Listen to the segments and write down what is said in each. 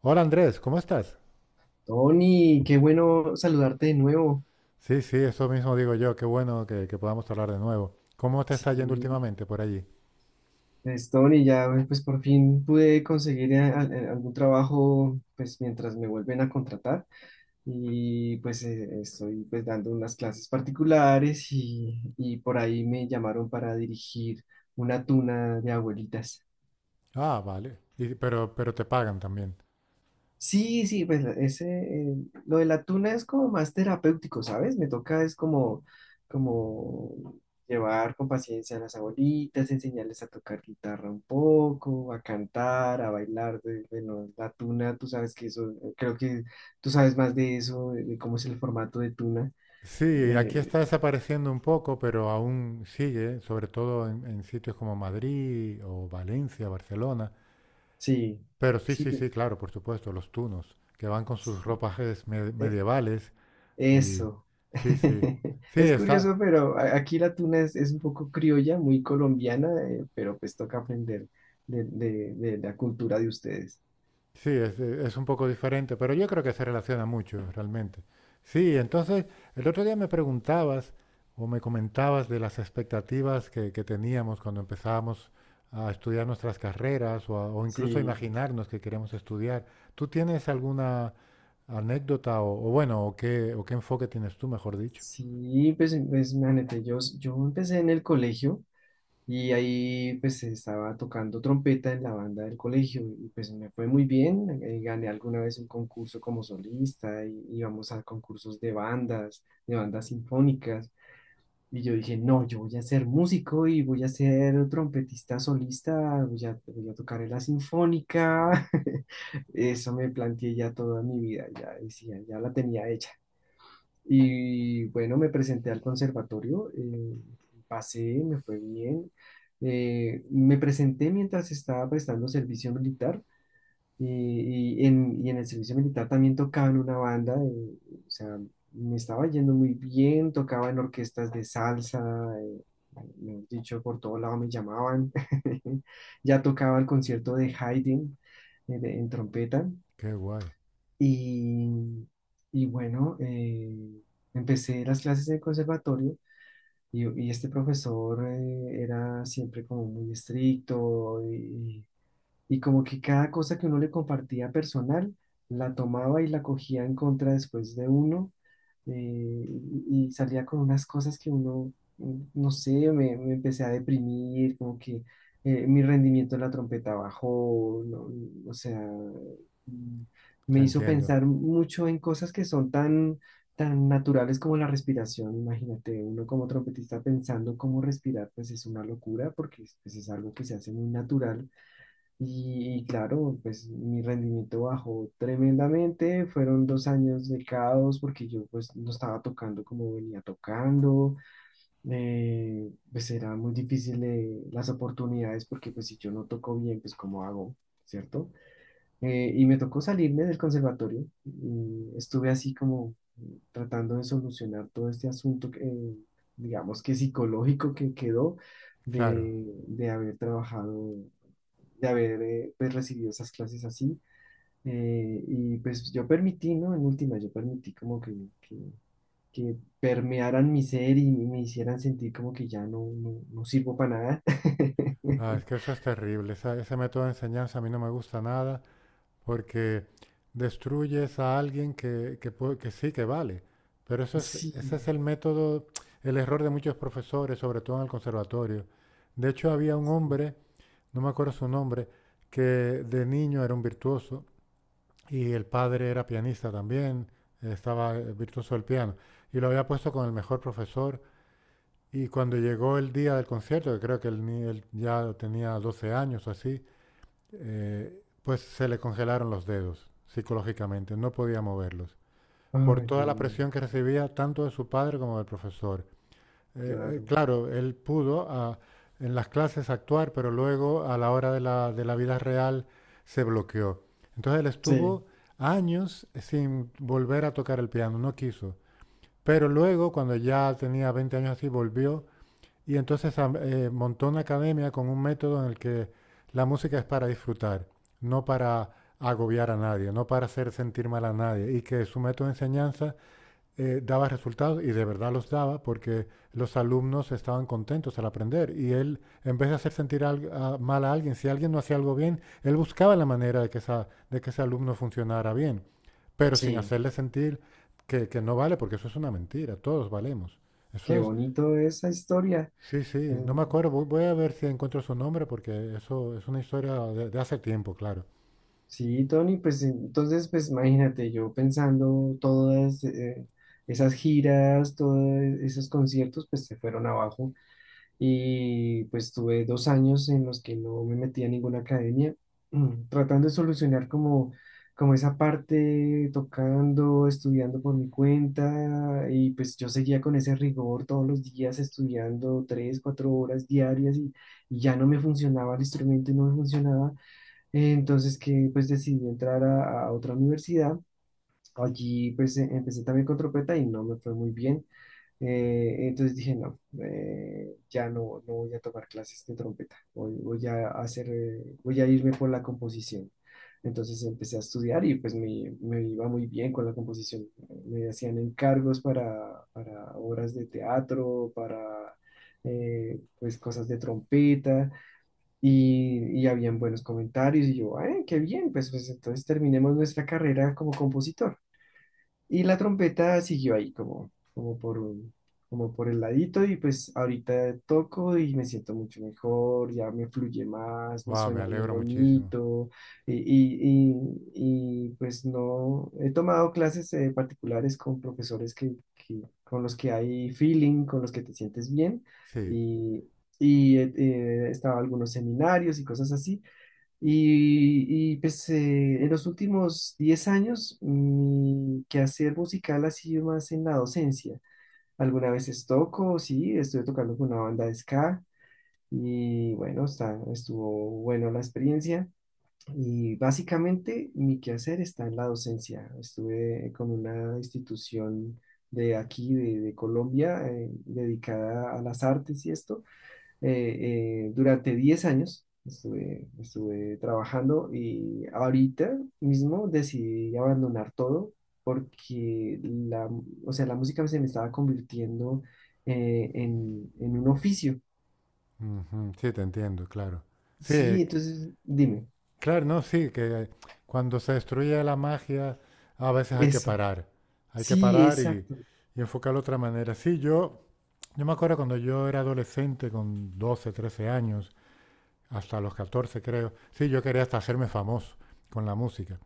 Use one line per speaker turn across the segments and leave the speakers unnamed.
Hola Andrés, ¿cómo estás?
Tony, qué bueno saludarte de nuevo.
Sí, sí, eso mismo digo yo, qué bueno que podamos hablar de nuevo. ¿Cómo te está yendo
Sí,
últimamente por allí?
pues Tony, ya pues por fin pude conseguir algún trabajo pues mientras me vuelven a contratar y pues estoy pues dando unas clases particulares y por ahí me llamaron para dirigir una tuna de abuelitas.
Ah, vale. Pero te pagan también.
Sí, sí, pues lo de la tuna es como más terapéutico, ¿sabes? Me toca es como, como llevar con paciencia a las abuelitas, enseñarles a tocar guitarra un poco, a cantar, a bailar. Bueno, la tuna, tú sabes que eso, creo que tú sabes más de eso, de cómo es el formato de tuna.
Sí, aquí está
Eh,
desapareciendo un poco, pero aún sigue, sobre todo en sitios como Madrid o Valencia, Barcelona.
sí,
Pero sí,
sí,
sí,
que-
sí, claro, por supuesto, los tunos, que van con sus
sí.
ropajes
eh,
medievales y
Eso.
sí, sí. Sí,
Es
está.
curioso, pero aquí la tuna es un poco criolla, muy colombiana, pero pues toca aprender de la cultura de ustedes.
Sí, es un poco diferente, pero yo creo que se relaciona mucho realmente. Sí, entonces el otro día me preguntabas o me comentabas de las expectativas que teníamos cuando empezábamos a estudiar nuestras carreras o incluso a
Sí,
imaginarnos que queremos estudiar. ¿Tú tienes alguna anécdota o bueno, o qué enfoque tienes tú, mejor dicho?
sí, pues imagínate, yo empecé en el colegio y ahí pues estaba tocando trompeta en la banda del colegio y pues me fue muy bien, gané alguna vez un concurso como solista y íbamos a concursos de bandas sinfónicas. Y yo dije, no, yo voy a ser músico y voy a ser trompetista solista, voy a tocar en la sinfónica. Eso me planteé ya toda mi vida, ya decía, ya la tenía hecha. Y bueno, me presenté al conservatorio, pasé, me fue bien. Me presenté mientras estaba prestando servicio militar y en el servicio militar también tocaba en una banda, o sea, me estaba yendo muy bien, tocaba en orquestas de salsa, eh, mejor dicho, por todo lado me llamaban. Ya tocaba el concierto de Haydn en trompeta.
Qué guay,
Y, y bueno, empecé las clases de conservatorio y este profesor era siempre como muy estricto y como que cada cosa que uno le compartía personal, la tomaba y la cogía en contra después de uno, eh, y salía con unas cosas que uno, no sé, me empecé a deprimir, como que mi rendimiento en la trompeta bajó, o sea, mm,
te
me hizo
entiendo.
pensar mucho en cosas que son tan tan naturales como la respiración, imagínate, uno como trompetista pensando cómo respirar, pues es una locura porque es algo que se hace muy natural y claro, pues mi rendimiento bajó tremendamente, fueron dos años de caos porque yo pues no estaba tocando como venía tocando, pues era muy difícil las oportunidades porque pues si yo no toco bien, pues ¿cómo hago? ¿Cierto? Y me tocó salirme del conservatorio y estuve así como tratando de solucionar todo este asunto, digamos que psicológico que quedó
Claro.
de haber trabajado de haber pues, recibido esas clases así. Y pues yo permití, ¿no? En última, yo permití como que, que permearan mi ser y me hicieran sentir como que ya no, no sirvo para nada.
Ah, es que eso es terrible. Ese método de enseñanza a mí no me gusta nada, porque destruyes a alguien que sí que vale. Pero eso es, ese
Sí,
es el método, el error de muchos profesores, sobre todo en el conservatorio. De hecho, había un
sí.
hombre, no me acuerdo su nombre, que de niño era un virtuoso y el padre era pianista también, estaba virtuoso del piano, y lo había puesto con el mejor profesor. Y cuando llegó el día del concierto, que creo que el ni- él ya tenía 12 años o así, pues se le congelaron los dedos psicológicamente, no podía moverlos, por
Ay,
toda
Dios
la
mío,
presión que recibía tanto de su padre como del profesor.
claro.
Claro, él pudo en las clases actuar, pero luego a la hora de la, vida real se bloqueó. Entonces él
Sí,
estuvo años sin volver a tocar el piano, no quiso. Pero luego, cuando ya tenía 20 años así, volvió y entonces montó una academia con un método en el que la música es para disfrutar, no para agobiar a nadie, no para hacer sentir mal a nadie. Y que su método de enseñanza daba resultados y de verdad los daba porque los alumnos estaban contentos al aprender. Y él, en vez de hacer sentir mal a alguien, si alguien no hacía algo bien, él buscaba la manera de que ese alumno funcionara bien, pero sin
sí.
hacerle sentir que no vale, porque eso es una mentira, todos valemos.
Qué
Eso es.
bonito esa historia.
Sí, sí, no me
Mm,
acuerdo. Voy a ver si encuentro su nombre porque eso es una historia de hace tiempo, claro.
sí, Tony, pues entonces, pues imagínate, yo pensando todas esas giras, todos esos conciertos, pues se fueron abajo. Y pues tuve dos años en los que no me metí a ninguna academia, tratando de solucionar como, como esa parte, tocando, estudiando por mi cuenta y pues yo seguía con ese rigor todos los días estudiando tres, cuatro horas diarias y ya no me funcionaba el instrumento y no me funcionaba, entonces que pues decidí entrar a otra universidad. Allí pues empecé también con trompeta y no me fue muy bien. Entonces dije, no, ya no, no voy a tomar clases de trompeta, voy a hacer, voy a irme por la composición. Entonces empecé a estudiar y pues me iba muy bien con la composición. Me hacían encargos para obras de teatro, para pues cosas de trompeta y habían buenos comentarios y yo, "Ah, qué bien, pues entonces terminemos nuestra carrera como compositor". Y la trompeta siguió ahí como por el ladito y pues ahorita toco y me siento mucho mejor, ya me fluye más, me
Wow, me
suena bien
alegro muchísimo.
bonito pues no, he tomado clases particulares con profesores con los que hay feeling, con los que te sientes bien
Sí,
y, y he, he estado en algunos seminarios y cosas así pues en los últimos 10 años mi quehacer musical ha sido más en la docencia. Alguna veces toco, sí, estuve tocando con una banda de ska y bueno, estuvo bueno la experiencia. Y básicamente mi quehacer está en la docencia. Estuve con una institución de aquí, de Colombia, dedicada a las artes y esto durante 10 años estuve trabajando y ahorita mismo decidí abandonar todo porque o sea, la música se me estaba convirtiendo en un oficio.
ujú, sí, te entiendo, claro. Sí,
Sí, entonces dime,
claro, no, sí, que cuando se destruye la magia, a veces hay que
eso.
parar. Hay que
Sí,
parar y,
exacto.
y enfocarlo de otra manera. Sí, yo me acuerdo cuando yo era adolescente, con 12, 13 años, hasta los 14 creo. Sí, yo quería hasta hacerme famoso con la música.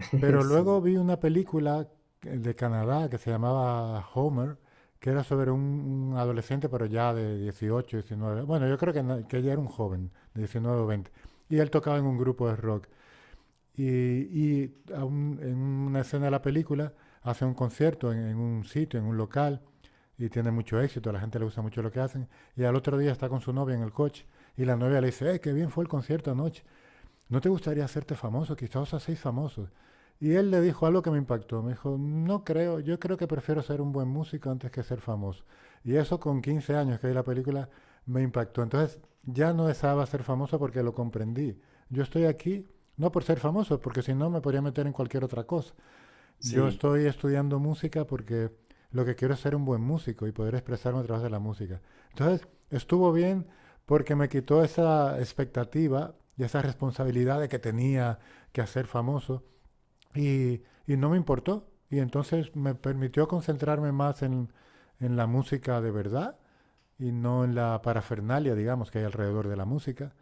Pero luego
Sí,
vi una película de Canadá que se llamaba Homer, que era sobre un adolescente, pero ya de 18, 19. Bueno, yo creo que, no- que ella era un joven, de 19 o 20. Y él tocaba en un grupo de rock. Y, y a en una escena de la película hace un concierto en un sitio, en un local, y tiene mucho éxito, a la gente le gusta mucho lo que hacen. Y al otro día está con su novia en el coche y la novia le dice, ¡eh, qué bien fue el concierto anoche! ¿No te gustaría hacerte famoso? Quizás os hacéis famosos. Y él le dijo algo que me impactó. Me dijo, no creo, yo creo que prefiero ser un buen músico antes que ser famoso. Y eso con 15 años que vi la película me impactó. Entonces ya no deseaba ser famoso porque lo comprendí. Yo estoy aquí no por ser famoso, porque si no me podría meter en cualquier otra cosa. Yo
sí.
estoy estudiando música porque lo que quiero es ser un buen músico y poder expresarme a través de la música. Entonces, estuvo bien porque me quitó esa expectativa y esa responsabilidad de que tenía que hacer famoso y, no me importó. Y entonces me permitió concentrarme más en la música de verdad y no en la parafernalia, digamos, que hay alrededor de la música.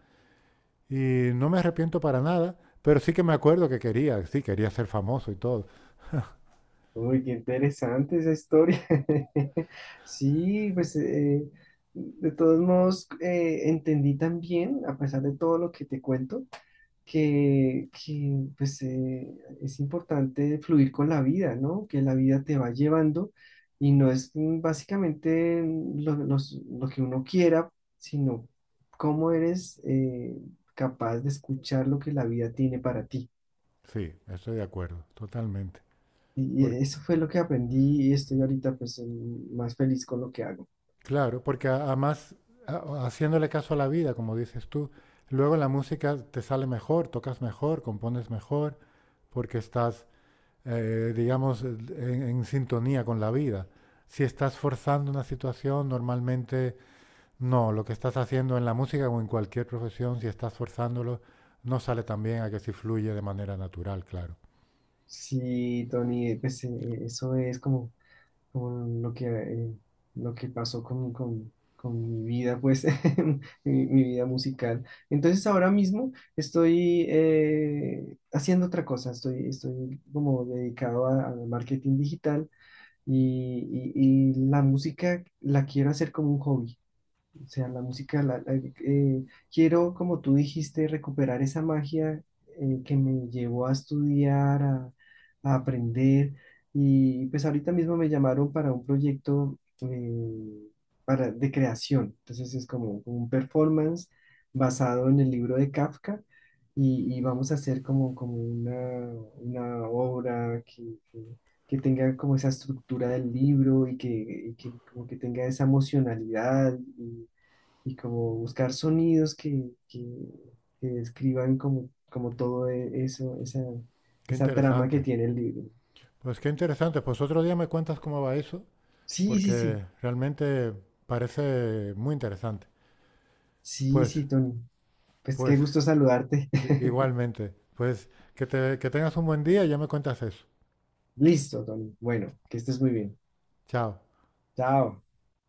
Y no me arrepiento para nada, pero sí que me acuerdo que quería, sí, quería ser famoso y todo.
Uy, qué interesante esa historia. Sí, pues de todos modos entendí también, a pesar de todo lo que te cuento, pues, es importante fluir con la vida, ¿no? Que la vida te va llevando y no es básicamente lo que uno quiera, sino cómo eres capaz de escuchar lo que la vida tiene para ti.
Sí, estoy de acuerdo, totalmente.
Y
Por-
eso fue lo que aprendí y estoy ahorita pues más feliz con lo que hago.
claro, porque además, haciéndole caso a la vida, como dices tú, luego la música te sale mejor, tocas mejor, compones mejor, porque estás, digamos, en sintonía con la vida. Si estás forzando una situación, normalmente no. Lo que estás haciendo en la música o en cualquier profesión, si estás forzándolo, no sale tan bien a que si fluye de manera natural, claro.
Sí, Tony, pues eso es como como lo lo que pasó con, con mi vida, pues, mi vida musical. Entonces ahora mismo estoy haciendo otra cosa, estoy como dedicado al marketing digital y la música la quiero hacer como un hobby. O sea, la música, eh, quiero, como tú dijiste, recuperar esa magia que me llevó a estudiar, a aprender. Y pues ahorita mismo me llamaron para un proyecto de creación. Entonces es como un performance basado en el libro de Kafka y vamos a hacer como, como una obra que- que tenga como esa estructura del libro y que como que tenga esa emocionalidad y como buscar sonidos que describan como, como todo eso,
Qué
esa trama que
interesante.
tiene el libro.
Pues qué interesante. Pues otro día me cuentas cómo va eso,
Sí, sí, sí,
porque realmente parece muy interesante.
sí,
Pues,
sí, Tony. Pues qué
pues,
gusto saludarte.
i- igualmente, pues que tengas un buen día y ya me cuentas eso.
Listo, Tony. Bueno, que estés muy bien.
Chao.
Chao.